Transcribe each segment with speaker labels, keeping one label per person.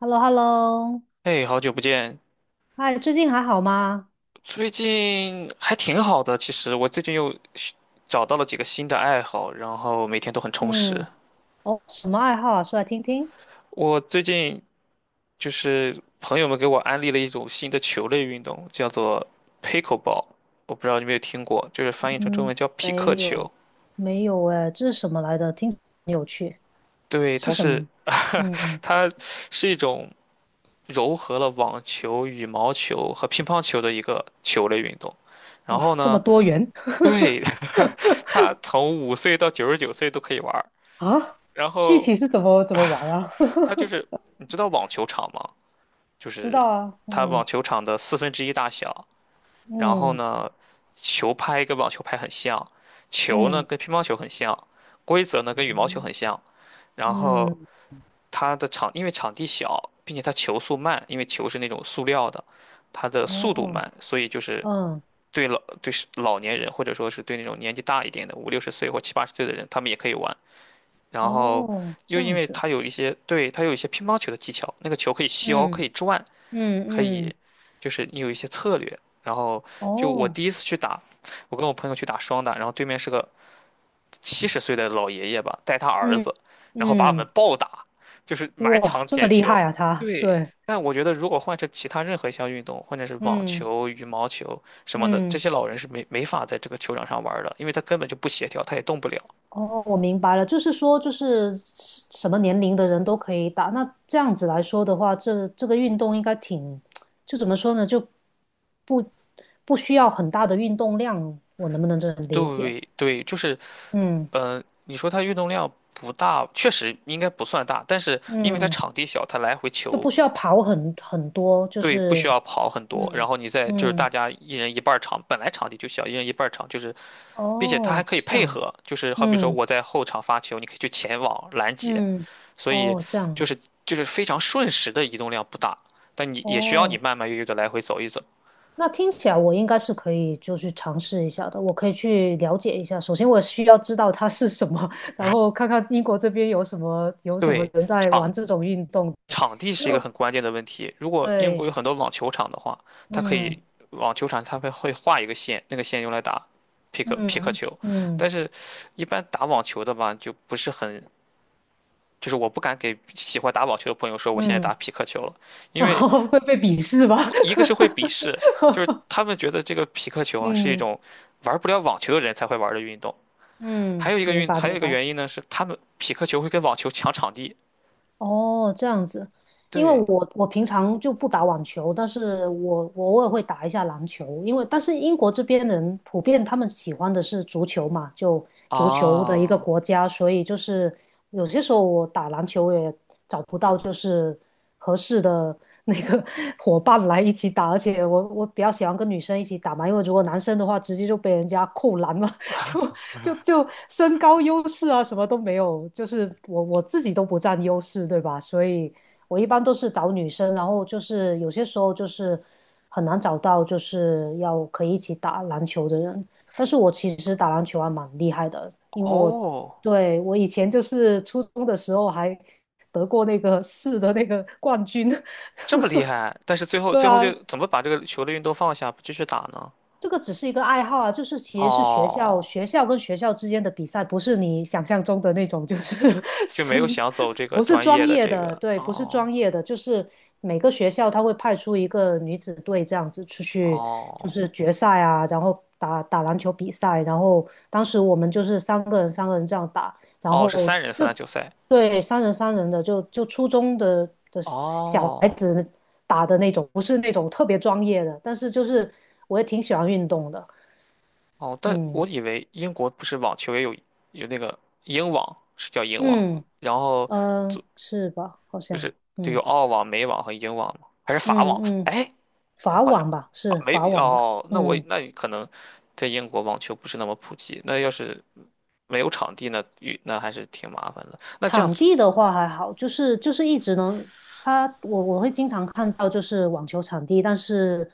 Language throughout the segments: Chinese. Speaker 1: h e l l o h e l l o
Speaker 2: 哎，好久不见，
Speaker 1: 嗨，最近还好吗？
Speaker 2: 最近还挺好的。其实我最近又找到了几个新的爱好，然后每天都很充实。
Speaker 1: 嗯，哦，什么爱好啊？说来听听。
Speaker 2: 我最近就是朋友们给我安利了一种新的球类运动，叫做 pickleball。我不知道你有没有听过，就是翻译成中
Speaker 1: 嗯，
Speaker 2: 文叫匹克
Speaker 1: 没
Speaker 2: 球。
Speaker 1: 有，没有哎，这是什么来的？听起来很有趣，
Speaker 2: 对，
Speaker 1: 是
Speaker 2: 它
Speaker 1: 什
Speaker 2: 是
Speaker 1: 么？嗯，
Speaker 2: 它是一种糅合了网球、羽毛球和乒乓球的一个球类运动。然
Speaker 1: 哇，
Speaker 2: 后
Speaker 1: 这么
Speaker 2: 呢，
Speaker 1: 多元
Speaker 2: 对，它从5岁到99岁都可以玩儿。
Speaker 1: 啊！
Speaker 2: 然
Speaker 1: 具
Speaker 2: 后
Speaker 1: 体是怎么玩啊？
Speaker 2: 它就是 你知道网球场吗？就
Speaker 1: 知
Speaker 2: 是
Speaker 1: 道啊，
Speaker 2: 它网
Speaker 1: 嗯
Speaker 2: 球场的四分之一大小，然后
Speaker 1: 嗯
Speaker 2: 呢，球拍跟网球拍很像，球呢
Speaker 1: 嗯
Speaker 2: 跟乒乓球很像，规则呢跟羽毛球很
Speaker 1: 嗯
Speaker 2: 像，然后
Speaker 1: 嗯，
Speaker 2: 它的场因为场地小，并且它球速慢，因为球是那种塑料的，它的速度
Speaker 1: 哦，
Speaker 2: 慢，所以就是
Speaker 1: 嗯
Speaker 2: 对老年人或者说是对那种年纪大一点的五六十岁或七八十岁的人，他们也可以玩。然后
Speaker 1: 哦，
Speaker 2: 又
Speaker 1: 这
Speaker 2: 因
Speaker 1: 样
Speaker 2: 为
Speaker 1: 子，
Speaker 2: 它有一些，对，它有一些乒乓球的技巧，那个球可以削，可
Speaker 1: 嗯
Speaker 2: 以转，
Speaker 1: 嗯
Speaker 2: 可以，
Speaker 1: 嗯，
Speaker 2: 就是你有一些策略。然后就我
Speaker 1: 哦，
Speaker 2: 第一次去打，我跟我朋友去打双打，然后对面是个70岁的老爷爷吧，带他儿
Speaker 1: 嗯
Speaker 2: 子，然后把我们
Speaker 1: 嗯。
Speaker 2: 暴打，就是满
Speaker 1: 哇，
Speaker 2: 场
Speaker 1: 这么
Speaker 2: 捡
Speaker 1: 厉
Speaker 2: 球。
Speaker 1: 害啊，他，
Speaker 2: 对，
Speaker 1: 对，
Speaker 2: 但我觉得如果换成其他任何一项运动，或者是网
Speaker 1: 嗯
Speaker 2: 球、羽毛球什么的，这
Speaker 1: 嗯，
Speaker 2: 些老人是没法在这个球场上玩儿的，因为他根本就不协调，他也动不了。
Speaker 1: 哦，我明白了，就是说，就是什么年龄的人都可以打。那这样子来说的话，这个运动应该挺，就怎么说呢，就不需要很大的运动量，我能不能这么理解？
Speaker 2: 对对，就是
Speaker 1: 嗯
Speaker 2: 你说它运动量不大，确实应该不算大，但是因为它
Speaker 1: 嗯，
Speaker 2: 场地小，它来回
Speaker 1: 就
Speaker 2: 球
Speaker 1: 不需要跑很多，就
Speaker 2: 对不需
Speaker 1: 是
Speaker 2: 要跑很多，然
Speaker 1: 嗯
Speaker 2: 后你再就是大
Speaker 1: 嗯，
Speaker 2: 家一人一半儿场，本来场地就小，一人一半儿场就是，并且它还
Speaker 1: 哦，
Speaker 2: 可以
Speaker 1: 是这
Speaker 2: 配
Speaker 1: 样，
Speaker 2: 合，就是好比说
Speaker 1: 嗯
Speaker 2: 我在后场发球，你可以去前网拦截，
Speaker 1: 嗯，
Speaker 2: 所以
Speaker 1: 哦，这
Speaker 2: 就
Speaker 1: 样，
Speaker 2: 是就是非常瞬时的移动量不大，但你也需要你
Speaker 1: 哦。
Speaker 2: 慢慢悠悠的来回走一走。
Speaker 1: 那听起来我应该是可以，就去尝试一下的。我可以去了解一下。首先，我需要知道它是什么，然后看看英国这边有什么
Speaker 2: 对，
Speaker 1: 人在
Speaker 2: 场
Speaker 1: 玩这种运动。对
Speaker 2: 场地
Speaker 1: 因
Speaker 2: 是一个
Speaker 1: 为
Speaker 2: 很关键的问题。如果英国有
Speaker 1: 对，
Speaker 2: 很多网球场的话，它可
Speaker 1: 嗯
Speaker 2: 以网球场它们会画一个线，那个线用来打匹克匹克
Speaker 1: 嗯
Speaker 2: 球。
Speaker 1: 嗯
Speaker 2: 但是，一般打网球的吧，就不是很，就是我不敢给喜欢打网球的朋友说我现在打
Speaker 1: 嗯，
Speaker 2: 匹克球了，因
Speaker 1: 然
Speaker 2: 为
Speaker 1: 后 会被鄙视吧？
Speaker 2: 一个是会鄙视，就是他 们觉得这个匹克球啊是一
Speaker 1: 嗯
Speaker 2: 种玩不了网球的人才会玩的运动。
Speaker 1: 嗯，明白
Speaker 2: 还有
Speaker 1: 明
Speaker 2: 一个原
Speaker 1: 白。
Speaker 2: 因呢是他们匹克球会跟网球抢场地。
Speaker 1: 哦，这样子，因为
Speaker 2: 对
Speaker 1: 我平常就不打网球，但是我偶尔会打一下篮球，因为但是英国这边人普遍他们喜欢的是足球嘛，就足球的一个
Speaker 2: 啊，
Speaker 1: 国家，所以就是有些时候我打篮球也找不到就是合适的那个 伙伴来一起打，而且我比较喜欢跟女生一起打嘛，因为如果男生的话直接就被人家扣篮了，就就身高优势啊，什么都没有，就是我自己都不占优势，对吧？所以我一般都是找女生，然后就是有些时候就是很难找到就是要可以一起打篮球的人。但是我其实打篮球还蛮厉害的，因为我
Speaker 2: 哦。
Speaker 1: 对我以前就是初中的时候还得过那个 市的那个冠军。
Speaker 2: 这么厉害，但是最 后
Speaker 1: 对
Speaker 2: 最后就
Speaker 1: 啊，
Speaker 2: 怎么把这个球的运动放下，不继续打呢？
Speaker 1: 这个只是一个爱好啊，就是其实是学校
Speaker 2: 哦，
Speaker 1: 学校跟学校之间的比赛，不是你想象中的那种，就是
Speaker 2: 就没有
Speaker 1: 生，
Speaker 2: 想走这个
Speaker 1: 不是
Speaker 2: 专
Speaker 1: 专
Speaker 2: 业的
Speaker 1: 业
Speaker 2: 这
Speaker 1: 的，
Speaker 2: 个，
Speaker 1: 对，不是
Speaker 2: 哦
Speaker 1: 专业的，就是每个学校他会派出一个女子队这样子出去，就
Speaker 2: 哦
Speaker 1: 是决赛啊，然后打打篮球比赛，然后当时我们就是三个人三个人这样打，然
Speaker 2: 哦，
Speaker 1: 后
Speaker 2: 是三人三
Speaker 1: 就
Speaker 2: 打九赛，
Speaker 1: 对，三人三人的，就初中的小孩
Speaker 2: 哦
Speaker 1: 子打的那种，不是那种特别专业的，但是就是我也挺喜欢运动的，
Speaker 2: 哦，但
Speaker 1: 嗯
Speaker 2: 我以为英国不是网球也有那个英网，是叫英网吗？
Speaker 1: 嗯
Speaker 2: 然后
Speaker 1: 嗯、
Speaker 2: 就
Speaker 1: 是吧？好
Speaker 2: 就
Speaker 1: 像，
Speaker 2: 是就有
Speaker 1: 嗯
Speaker 2: 澳网、美网和英网吗？还是法网？
Speaker 1: 嗯嗯，
Speaker 2: 哎，我
Speaker 1: 法
Speaker 2: 好像
Speaker 1: 网吧，
Speaker 2: 啊
Speaker 1: 是
Speaker 2: 没
Speaker 1: 法
Speaker 2: 有
Speaker 1: 网吧，
Speaker 2: 哦，那
Speaker 1: 嗯
Speaker 2: 你可能在英国网球不是那么普及，那要是没有场地呢，与那还是挺麻烦的。那这样
Speaker 1: 场
Speaker 2: 子
Speaker 1: 地的话还好，就是一直能，它我会经常看到就是网球场地，但是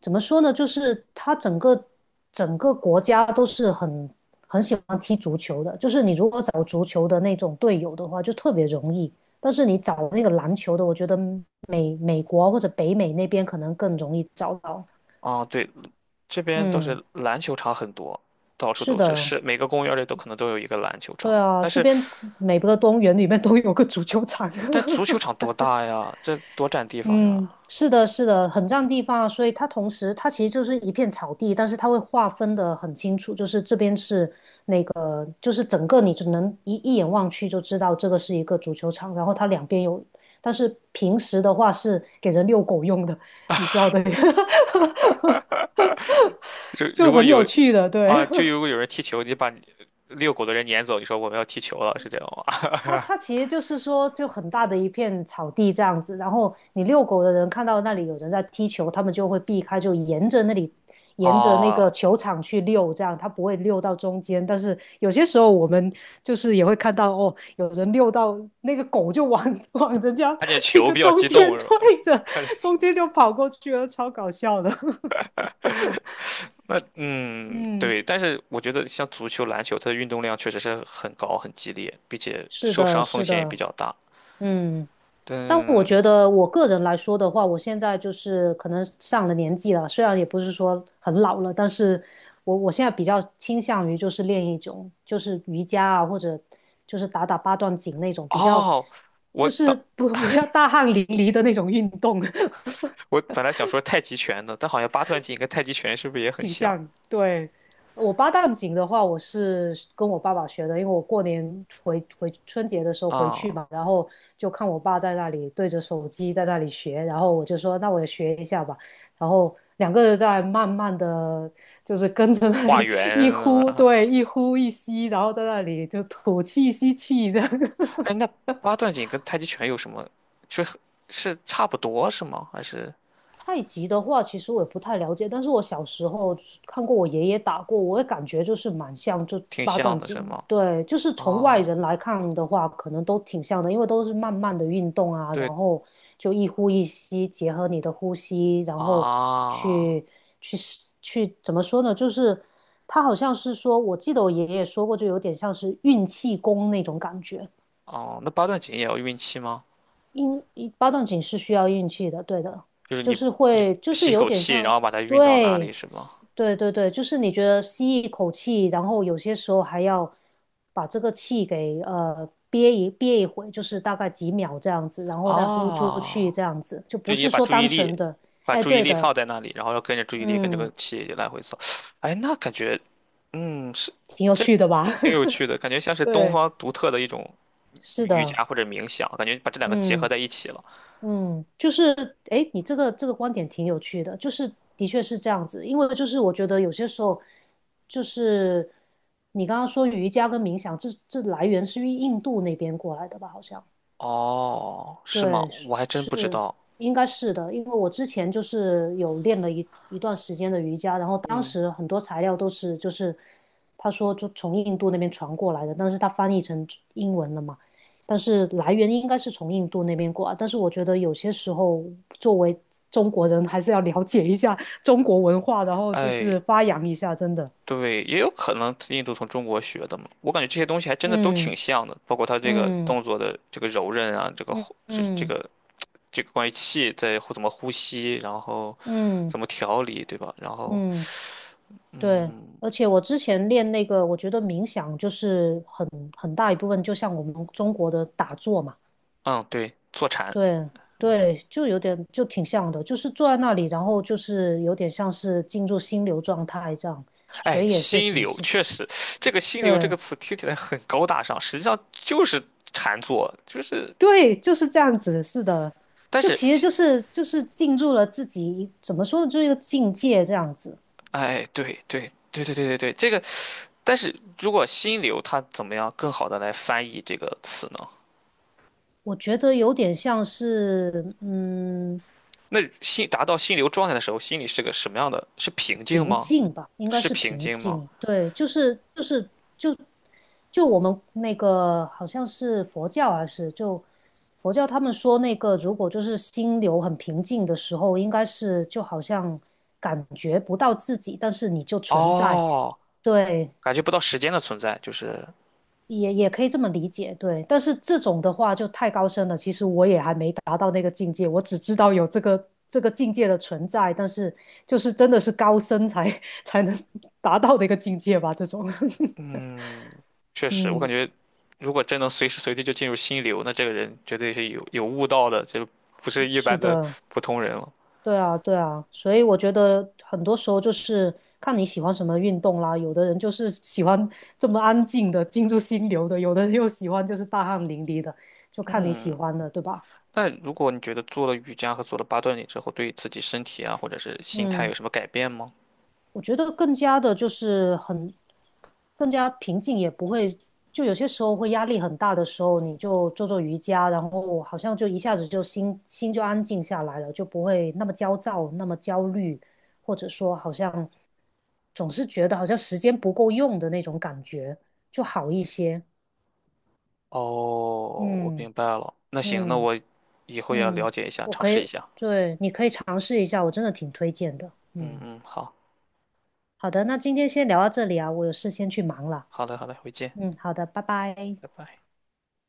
Speaker 1: 怎么说呢，就是它整个国家都是很喜欢踢足球的，就是你如果找足球的那种队友的话，就特别容易，但是你找那个篮球的，我觉得美国或者北美那边可能更容易找到。
Speaker 2: 啊，对，这边倒
Speaker 1: 嗯，
Speaker 2: 是篮球场很多，到处
Speaker 1: 是
Speaker 2: 都是，
Speaker 1: 的，
Speaker 2: 是每个公园里都可能都有一个篮球场。
Speaker 1: 对啊，
Speaker 2: 但
Speaker 1: 这
Speaker 2: 是，
Speaker 1: 边每个公园里面都有个足球场。
Speaker 2: 但足球 场多大呀？这多占地方呀！
Speaker 1: 嗯，是的，是的，很占地方啊，所以它同时它其实就是一片草地，但是它会划分的很清楚，就是这边是，就是整个你只能一眼望去就知道这个是一个足球场，然后它两边有，但是平时的话是给人遛狗用的，你知道的，
Speaker 2: 如如
Speaker 1: 就
Speaker 2: 果
Speaker 1: 很有
Speaker 2: 有
Speaker 1: 趣的，
Speaker 2: 啊，
Speaker 1: 对，
Speaker 2: 就如果 有人踢球，你把你遛狗的人撵走，你说我们要踢球了，是这样吗？
Speaker 1: 它其实就是说，就很大的一片草地这样子，然后你遛狗的人看到那里有人在踢球，他们就会避开，就沿着那里，沿着那
Speaker 2: 哦，
Speaker 1: 个球场去遛，这样它不会遛到中间。但是有些时候我们就是也会看到，哦，有人遛到那个狗就往 往人家
Speaker 2: 看见
Speaker 1: 那
Speaker 2: 球
Speaker 1: 个
Speaker 2: 比较
Speaker 1: 中
Speaker 2: 激动
Speaker 1: 间
Speaker 2: 是
Speaker 1: 推
Speaker 2: 吧？
Speaker 1: 着，
Speaker 2: 看见
Speaker 1: 中间就跑过去了，超搞笑的。
Speaker 2: 那
Speaker 1: 嗯，
Speaker 2: 对，但是我觉得像足球、篮球，它的运动量确实是很高、很激烈，并且
Speaker 1: 是
Speaker 2: 受
Speaker 1: 的，
Speaker 2: 伤风
Speaker 1: 是
Speaker 2: 险也比
Speaker 1: 的，
Speaker 2: 较大。
Speaker 1: 嗯。但我
Speaker 2: 但
Speaker 1: 觉得我个人来说的话，我现在就是可能上了年纪了，虽然也不是说很老了，但是我现在比较倾向于就是练一种就是瑜伽啊，或者就是打打八段锦那种比较，
Speaker 2: 哦，我
Speaker 1: 就是
Speaker 2: 当
Speaker 1: 不 不要大汗淋漓的那种运动。
Speaker 2: 我本来想说太极拳的，但好像八段锦跟太极拳是不是也很
Speaker 1: 挺
Speaker 2: 像
Speaker 1: 像。对，我八段锦的话，我是跟我爸爸学的，因为我过年回春节的时候回去
Speaker 2: 啊？
Speaker 1: 嘛，然后就看我爸在那里对着手机在那里学，然后我就说那我也学一下吧，然后两个人在慢慢的就是跟着那
Speaker 2: 画
Speaker 1: 里
Speaker 2: 圆，
Speaker 1: 一呼，
Speaker 2: 啊
Speaker 1: 对，一呼一吸，然后在那里就吐气吸气这样。
Speaker 2: 哎，那八段锦跟太极拳有什么？是是差不多是吗？还是
Speaker 1: 太极的话，其实我也不太了解，但是我小时候看过我爷爷打过，我也感觉就是蛮像就
Speaker 2: 挺
Speaker 1: 八
Speaker 2: 像
Speaker 1: 段
Speaker 2: 的是
Speaker 1: 锦，
Speaker 2: 吗？
Speaker 1: 对，就是从外
Speaker 2: 哦，
Speaker 1: 人来看的话，可能都挺像的，因为都是慢慢的运动啊，
Speaker 2: 对
Speaker 1: 然后就一呼一吸，结合你的呼吸，然后
Speaker 2: 啊，
Speaker 1: 去去去怎么说呢？就是他好像是说，我记得我爷爷说过，就有点像是运气功那种感觉。
Speaker 2: 哦，那八段锦也要运气吗？
Speaker 1: 因八段锦是需要运气的，对的，
Speaker 2: 就是
Speaker 1: 就
Speaker 2: 你
Speaker 1: 是
Speaker 2: 你
Speaker 1: 会，就是
Speaker 2: 吸一
Speaker 1: 有
Speaker 2: 口
Speaker 1: 点
Speaker 2: 气，然
Speaker 1: 像，
Speaker 2: 后把它运到哪里
Speaker 1: 对，
Speaker 2: 是吗？
Speaker 1: 对对对，就是你觉得吸一口气，然后有些时候还要把这个气给憋一会，就是大概几秒这样子，然后再呼出去
Speaker 2: 哦，
Speaker 1: 这样子，就不
Speaker 2: 就你
Speaker 1: 是说单纯的，
Speaker 2: 把
Speaker 1: 哎，
Speaker 2: 注意
Speaker 1: 对
Speaker 2: 力放
Speaker 1: 的，
Speaker 2: 在那里，然后要跟着注意力跟这个
Speaker 1: 嗯，
Speaker 2: 气来回走。哎，那感觉，是
Speaker 1: 挺有
Speaker 2: 这
Speaker 1: 趣的吧？
Speaker 2: 挺有趣的，感觉 像是东
Speaker 1: 对，
Speaker 2: 方独特的一种
Speaker 1: 是
Speaker 2: 瑜
Speaker 1: 的，
Speaker 2: 伽或者冥想，感觉把这两个结合
Speaker 1: 嗯。
Speaker 2: 在一起了。
Speaker 1: 嗯，就是诶，你这个观点挺有趣的，就是的确是这样子，因为就是我觉得有些时候，就是你刚刚说瑜伽跟冥想，这来源是于印度那边过来的吧？好像
Speaker 2: 哦，是吗？
Speaker 1: 对，
Speaker 2: 我还真不知道。
Speaker 1: 应该是的，因为我之前就是有练了一段时间的瑜伽，然后当
Speaker 2: 嗯，
Speaker 1: 时很多材料都是就是他说就从印度那边传过来的，但是他翻译成英文了嘛，但是来源应该是从印度那边过来，但是我觉得有些时候作为中国人还是要了解一下中国文化，然后就
Speaker 2: 哎，
Speaker 1: 是发扬一下，真的，
Speaker 2: 对，也有可能印度从中国学的嘛。我感觉这些东西还真的都挺
Speaker 1: 嗯
Speaker 2: 像的，包括它这个
Speaker 1: 嗯
Speaker 2: 动作的这个柔韧啊，这个
Speaker 1: 嗯
Speaker 2: 呼这这
Speaker 1: 嗯
Speaker 2: 个这个关于气在呼怎么呼吸，然后
Speaker 1: 嗯嗯。嗯嗯
Speaker 2: 怎么调理，对吧？然后，
Speaker 1: 嗯对，
Speaker 2: 嗯
Speaker 1: 而且我之前练那个，我觉得冥想就是很大一部分，就像我们中国的打坐嘛，
Speaker 2: 嗯，对，坐禅，
Speaker 1: 对对，就有点就挺像的，就是坐在那里，然后就是有点像是进入心流状态这样，所
Speaker 2: 哎，
Speaker 1: 以也是
Speaker 2: 心
Speaker 1: 挺
Speaker 2: 流
Speaker 1: 像，
Speaker 2: 确实，这个心流这个
Speaker 1: 对
Speaker 2: 词听起来很高大上，实际上就是禅坐，就是，
Speaker 1: 对，就是这样子，是的，
Speaker 2: 但
Speaker 1: 就
Speaker 2: 是，
Speaker 1: 其实就是进入了自己一怎么说呢，就是一个境界这样子，
Speaker 2: 哎，对对对对对对对，这个。但是如果心流，它怎么样更好的来翻译这个词呢？
Speaker 1: 我觉得有点像是。
Speaker 2: 那心达到心流状态的时候，心里是个什么样的？是平静
Speaker 1: 平
Speaker 2: 吗？
Speaker 1: 静吧，应该
Speaker 2: 是
Speaker 1: 是
Speaker 2: 平
Speaker 1: 平
Speaker 2: 静吗？
Speaker 1: 静。对，就是就就我们那个好像是佛教还是就佛教，他们说那个如果就是心流很平静的时候，应该是就好像感觉不到自己，但是你就存在。
Speaker 2: 哦，
Speaker 1: 对，
Speaker 2: 感觉不到时间的存在，就是，
Speaker 1: 也可以这么理解，对。但是这种的话就太高深了，其实我也还没达到那个境界，我只知道有这个境界的存在，但是就是真的是高深才 才能达到的一个境界吧，这种。
Speaker 2: 嗯，确实，我感
Speaker 1: 嗯，
Speaker 2: 觉如果真能随时随地就进入心流，那这个人绝对是有悟道的，就不是一
Speaker 1: 是
Speaker 2: 般的
Speaker 1: 的，
Speaker 2: 普通人了。
Speaker 1: 对啊，对啊，所以我觉得很多时候就是看你喜欢什么运动啦。有的人就是喜欢这么安静的进入心流的，有的人又喜欢就是大汗淋漓的，就看你喜欢的，对吧？
Speaker 2: 那如果你觉得做了瑜伽和做了八段锦之后，对自己身体啊，或者是心态有
Speaker 1: 嗯。
Speaker 2: 什么改变吗？
Speaker 1: 我觉得更加的就是很更加平静，也不会就有些时候会压力很大的时候，你就做做瑜伽，然后好像就一下子就心就安静下来了，就不会那么焦躁、那么焦虑，或者说好像总是觉得好像时间不够用的那种感觉，就好一些。
Speaker 2: 哦，我
Speaker 1: 嗯
Speaker 2: 明白了。那行，那
Speaker 1: 嗯
Speaker 2: 我以后也要
Speaker 1: 嗯，
Speaker 2: 了解一下，
Speaker 1: 我
Speaker 2: 尝
Speaker 1: 可
Speaker 2: 试
Speaker 1: 以，
Speaker 2: 一下。
Speaker 1: 对，你可以尝试一下，我真的挺推荐的。
Speaker 2: 嗯
Speaker 1: 嗯，
Speaker 2: 嗯，好，
Speaker 1: 好的，那今天先聊到这里啊，我有事先去忙了。
Speaker 2: 好的好的，回见，
Speaker 1: 嗯，好的，拜拜。
Speaker 2: 拜拜。